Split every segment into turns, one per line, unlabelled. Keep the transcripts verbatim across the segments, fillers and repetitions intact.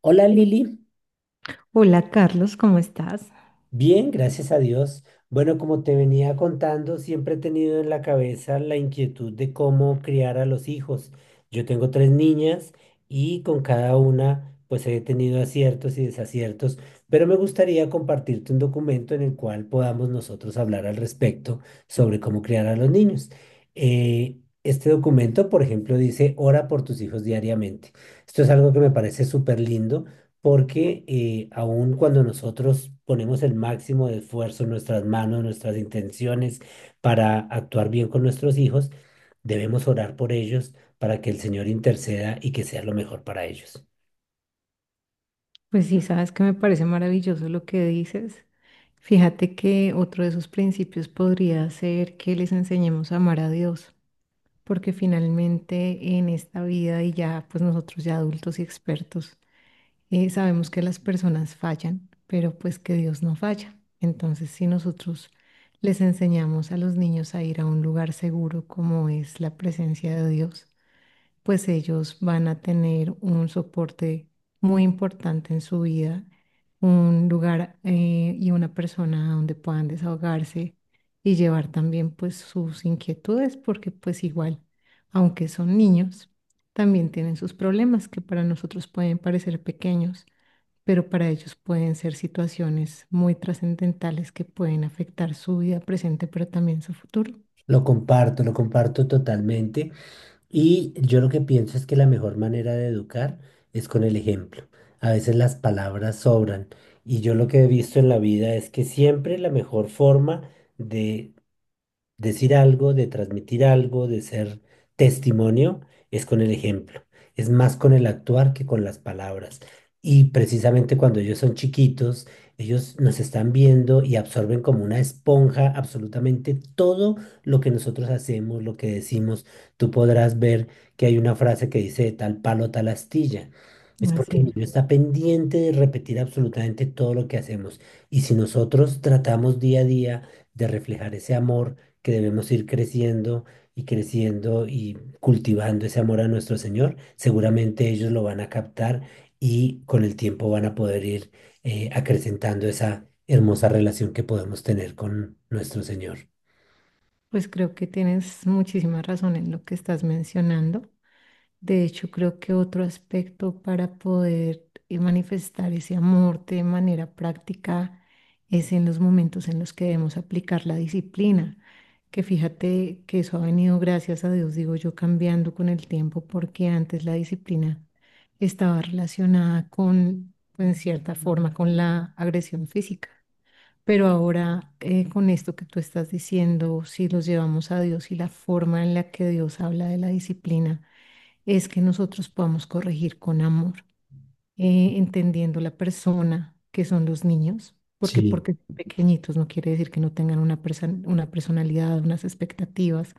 Hola Lili,
Hola Carlos, ¿cómo estás?
bien, gracias a Dios. Bueno, como te venía contando, siempre he tenido en la cabeza la inquietud de cómo criar a los hijos. Yo tengo tres niñas y con cada una pues he tenido aciertos y desaciertos, pero me gustaría compartirte un documento en el cual podamos nosotros hablar al respecto sobre cómo criar a los niños. Eh, este documento, por ejemplo, dice, ora por tus hijos diariamente. Esto es algo que me parece súper lindo porque eh, aun cuando nosotros ponemos el máximo de esfuerzo en nuestras manos, nuestras intenciones para actuar bien con nuestros hijos, debemos orar por ellos para que el Señor interceda y que sea lo mejor para ellos.
Pues sí, sabes que me parece maravilloso lo que dices. Fíjate que otro de sus principios podría ser que les enseñemos a amar a Dios, porque finalmente en esta vida y ya pues nosotros ya adultos y expertos eh, sabemos que las personas fallan, pero pues que Dios no falla. Entonces si nosotros les enseñamos a los niños a ir a un lugar seguro como es la presencia de Dios, pues ellos van a tener un soporte muy importante en su vida, un lugar eh, y una persona donde puedan desahogarse y llevar también pues sus inquietudes, porque pues igual, aunque son niños, también tienen sus problemas que para nosotros pueden parecer pequeños, pero para ellos pueden ser situaciones muy trascendentales que pueden afectar su vida presente, pero también su futuro.
Lo comparto, lo comparto totalmente y yo lo que pienso es que la mejor manera de educar es con el ejemplo. A veces las palabras sobran y yo lo que he visto en la vida es que siempre la mejor forma de decir algo, de transmitir algo, de ser testimonio, es con el ejemplo. Es más con el actuar que con las palabras. Y precisamente cuando ellos son chiquitos, ellos nos están viendo y absorben como una esponja absolutamente todo lo que nosotros hacemos, lo que decimos. Tú podrás ver que hay una frase que dice "De tal palo, tal astilla". Es porque
Así
el
es.
niño está pendiente de repetir absolutamente todo lo que hacemos. Y si nosotros tratamos día a día de reflejar ese amor, que debemos ir creciendo y creciendo y cultivando ese amor a nuestro Señor, seguramente ellos lo van a captar y con el tiempo van a poder ir eh, acrecentando esa hermosa relación que podemos tener con nuestro Señor.
Pues creo que tienes muchísima razón en lo que estás mencionando. De hecho, creo que otro aspecto para poder eh, manifestar ese amor de manera práctica es en los momentos en los que debemos aplicar la disciplina, que fíjate que eso ha venido, gracias a Dios, digo yo, cambiando con el tiempo, porque antes la disciplina estaba relacionada con, en cierta forma, con la agresión física. Pero ahora, eh, con esto que tú estás diciendo, si los llevamos a Dios y la forma en la que Dios habla de la disciplina, es que nosotros podamos corregir con amor, eh, entendiendo la persona que son los niños, porque
Sí.
porque son pequeñitos no quiere decir que no tengan una, perso- una personalidad, unas expectativas,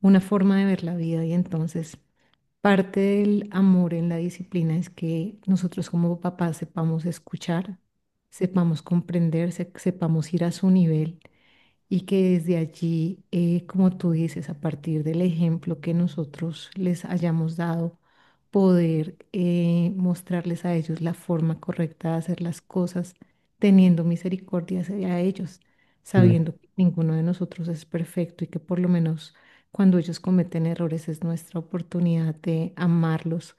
una forma de ver la vida y entonces parte del amor en la disciplina es que nosotros como papás sepamos escuchar, sepamos comprender, se- sepamos ir a su nivel y que desde allí, eh, como tú dices, a partir del ejemplo que nosotros les hayamos dado, poder eh, mostrarles a ellos la forma correcta de hacer las cosas, teniendo misericordia hacia ellos, sabiendo que ninguno de nosotros es perfecto y que por lo menos cuando ellos cometen errores es nuestra oportunidad de amarlos,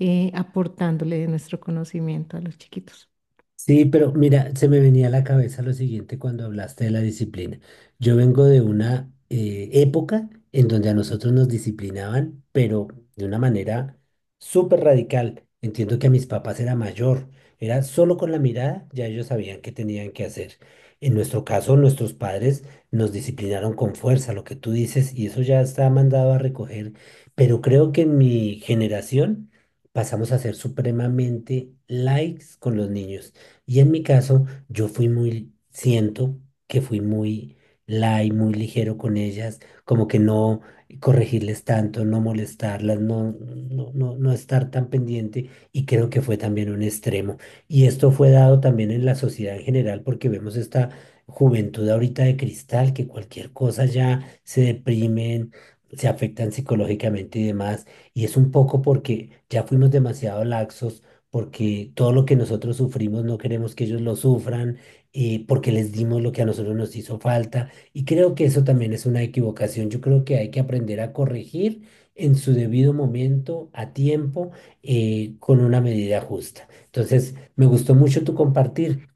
eh, aportándole de nuestro conocimiento a los chiquitos.
Sí, pero mira, se me venía a la cabeza lo siguiente cuando hablaste de la disciplina. Yo vengo de una eh, época en donde a nosotros nos disciplinaban, pero de una manera súper radical. Entiendo que a mis papás era mayor, era solo con la mirada, ya ellos sabían qué tenían que hacer. En nuestro caso, nuestros padres nos disciplinaron con fuerza, lo que tú dices, y eso ya está mandado a recoger, pero creo que en mi generación pasamos a ser supremamente likes con los niños. Y en mi caso, yo fui muy, siento que fui muy light, muy ligero con ellas, como que no corregirles tanto, no molestarlas, no, no, no, no estar tan pendiente y creo que fue también un extremo. Y esto fue dado también en la sociedad en general porque vemos esta juventud ahorita de cristal que cualquier cosa ya se deprimen, se afectan psicológicamente y demás. Y es un poco porque ya fuimos demasiado laxos porque todo lo que nosotros sufrimos no queremos que ellos lo sufran, eh, porque les dimos lo que a nosotros nos hizo falta. Y creo que eso también es una equivocación. Yo creo que hay que aprender a corregir en su debido momento, a tiempo, eh, con una medida justa. Entonces, me gustó mucho tu compartir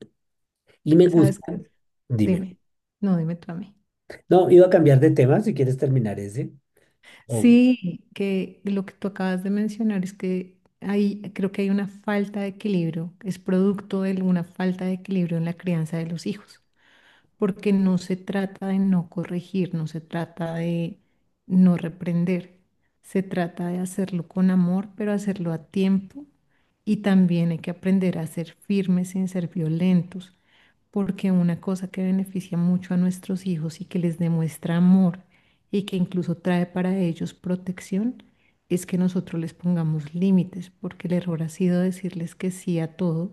y me
¿Sabes
gusta,
qué?
dime,
Dime, no, dime tú a mí.
no, iba a cambiar de tema si quieres terminar ese.
Sí, que lo que tú acabas de mencionar es que hay, creo que hay una falta de equilibrio, es producto de una falta de equilibrio en la crianza de los hijos, porque no se trata de no corregir, no se trata de no reprender, se trata de hacerlo con amor, pero hacerlo a tiempo y también hay que aprender a ser firmes sin ser violentos porque una cosa que beneficia mucho a nuestros hijos y que les demuestra amor y que incluso trae para ellos protección es que nosotros les pongamos límites, porque el error ha sido decirles que sí a todo,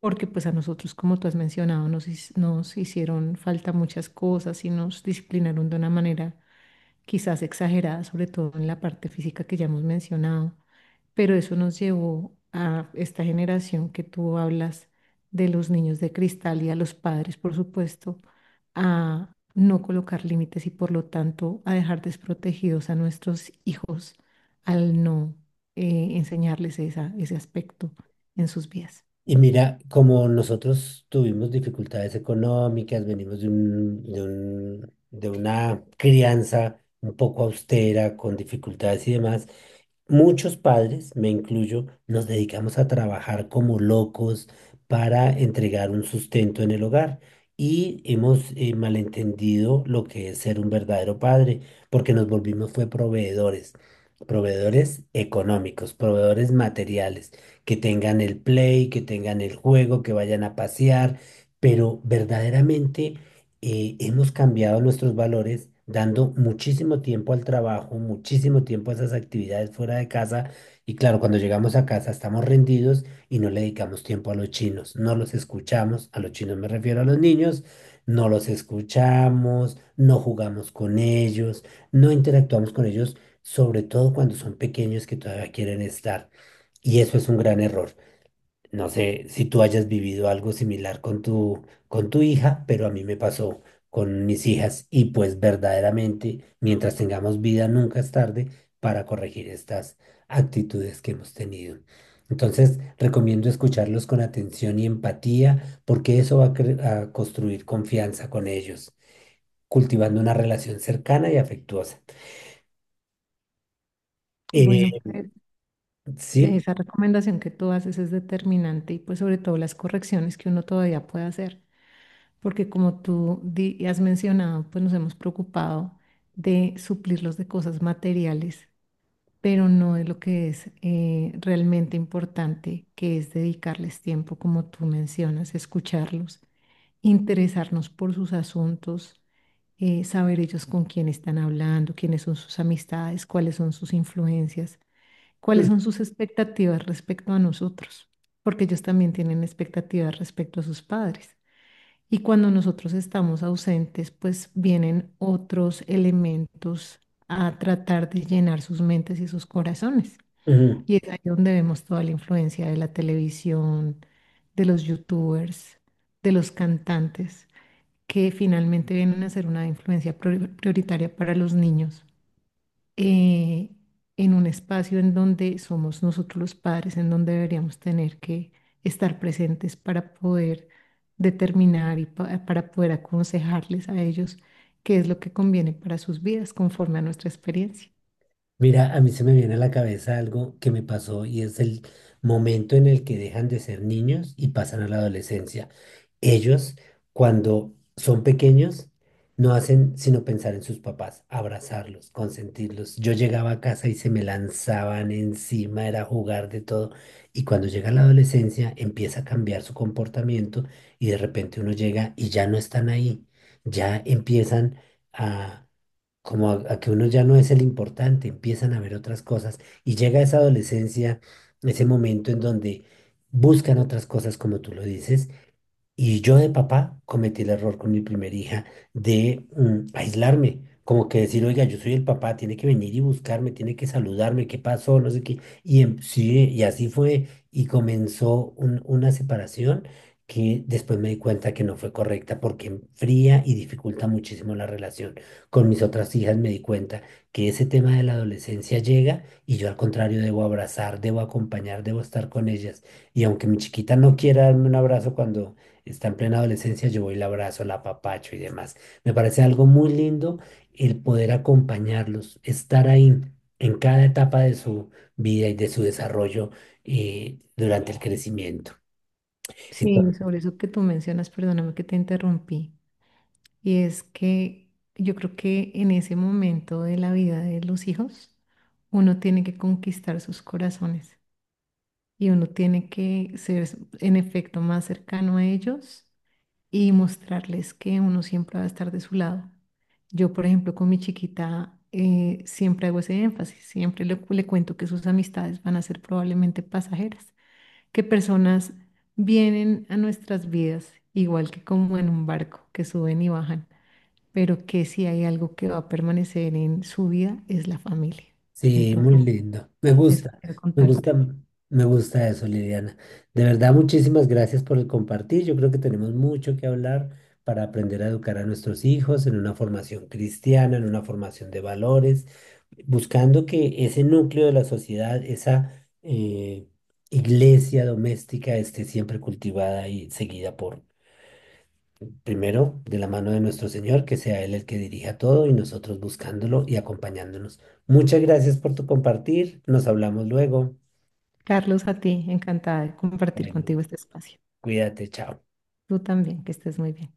porque pues a nosotros, como tú has mencionado, nos, his- nos hicieron falta muchas cosas y nos disciplinaron de una manera quizás exagerada, sobre todo en la parte física que ya hemos mencionado, pero eso nos llevó a esta generación que tú hablas de los niños de cristal y a los padres, por supuesto, a no colocar límites y por lo tanto a dejar desprotegidos a nuestros hijos al no eh, enseñarles esa, ese aspecto en sus vidas.
Y mira, como nosotros tuvimos dificultades económicas, venimos de un, de un- de una crianza un poco austera, con dificultades y demás, muchos padres, me incluyo, nos dedicamos a trabajar como locos para entregar un sustento en el hogar. Y hemos eh, malentendido lo que es ser un verdadero padre, porque nos volvimos fue proveedores, proveedores económicos, proveedores materiales que tengan el play, que tengan el juego, que vayan a pasear, pero verdaderamente eh, hemos cambiado nuestros valores dando muchísimo tiempo al trabajo, muchísimo tiempo a esas actividades fuera de casa y claro, cuando llegamos a casa estamos rendidos y no le dedicamos tiempo a los chinos, no los escuchamos, a los chinos me refiero a los niños, no los escuchamos, no jugamos con ellos, no interactuamos con ellos, sobre todo cuando son pequeños que todavía quieren estar. Y eso es un gran error. No sé si tú hayas vivido algo similar con tu, con tu hija, pero a mí me pasó con mis hijas y pues verdaderamente, mientras tengamos vida, nunca es tarde para corregir estas actitudes que hemos tenido. Entonces, recomiendo escucharlos con atención y empatía, porque eso va a, cre- a construir confianza con ellos, cultivando una relación cercana y afectuosa. Eh,
Bueno, pues
sí.
esa recomendación que tú haces es determinante y pues sobre todo las correcciones que uno todavía puede hacer, porque como tú di- has mencionado, pues nos hemos preocupado de suplirlos de cosas materiales, pero no de lo que es eh, realmente importante, que es dedicarles tiempo, como tú mencionas, escucharlos, interesarnos por sus asuntos, eh, saber ellos con quién están hablando, quiénes son sus amistades, cuáles son sus influencias, cuáles
Mm,
son sus expectativas respecto a nosotros, porque ellos también tienen expectativas respecto a sus padres. Y cuando nosotros estamos ausentes, pues vienen otros elementos a tratar de llenar sus mentes y sus corazones.
ujú.
Y es ahí donde vemos toda la influencia de la televisión, de los youtubers, de los cantantes, que finalmente vienen a ser una influencia prior- prioritaria para los niños eh, en un espacio en donde somos nosotros los padres, en donde deberíamos tener que estar presentes para poder determinar y pa- para poder aconsejarles a ellos qué es lo que conviene para sus vidas conforme a nuestra experiencia.
Mira, a mí se me viene a la cabeza algo que me pasó y es el momento en el que dejan de ser niños y pasan a la adolescencia. Ellos, cuando son pequeños, no hacen sino pensar en sus papás, abrazarlos, consentirlos. Yo llegaba a casa y se me lanzaban encima, era jugar de todo. Y cuando llega la adolescencia, empieza a cambiar su comportamiento y de repente uno llega y ya no están ahí, ya empiezan a como a, a que uno ya no es el importante, empiezan a ver otras cosas y llega esa adolescencia, ese momento en donde buscan otras cosas, como tú lo dices, y yo de papá cometí el error con mi primera hija de mm, aislarme, como que decir, oiga, yo soy el papá, tiene que venir y buscarme, tiene que saludarme, ¿qué pasó? No sé qué. Y em- sí, y así fue, y comenzó un- una separación que después me di cuenta que no fue correcta porque enfría y dificulta muchísimo la relación. Con mis otras hijas me di cuenta que ese tema de la adolescencia llega y yo al contrario debo abrazar, debo acompañar, debo estar con ellas. Y aunque mi chiquita no quiera darme un abrazo cuando está en plena adolescencia, yo voy y la abrazo, la apapacho y demás. Me parece algo muy lindo el poder acompañarlos, estar ahí en cada etapa de su vida y de su desarrollo eh, durante el crecimiento.
Sí,
Entonces,
sobre eso que tú mencionas, perdóname que te interrumpí, y es que yo creo que en ese momento de la vida de los hijos, uno tiene que conquistar sus corazones, y uno tiene que ser en efecto más cercano a ellos y mostrarles que uno siempre va a estar de su lado. Yo, por ejemplo, con mi chiquita eh, siempre hago ese énfasis, siempre le, le cuento que sus amistades van a ser probablemente pasajeras, que personas vienen a nuestras vidas igual que como en un barco, que suben y bajan, pero que si hay algo que va a permanecer en su vida es la familia.
sí, muy
Entonces,
lindo. Me
eso
gusta,
quiero
me gusta,
contarte.
me gusta eso, Liliana. De verdad, muchísimas gracias por el compartir. Yo creo que tenemos mucho que hablar para aprender a educar a nuestros hijos en una formación cristiana, en una formación de valores, buscando que ese núcleo de la sociedad, esa eh, iglesia doméstica, esté siempre cultivada y seguida por primero, de la mano de nuestro Señor, que sea Él el que dirija todo y nosotros buscándolo y acompañándonos. Muchas gracias por tu compartir. Nos hablamos luego.
Carlos, a ti, encantada de compartir
Bueno,
contigo este espacio.
cuídate, chao.
Tú también, que estés muy bien.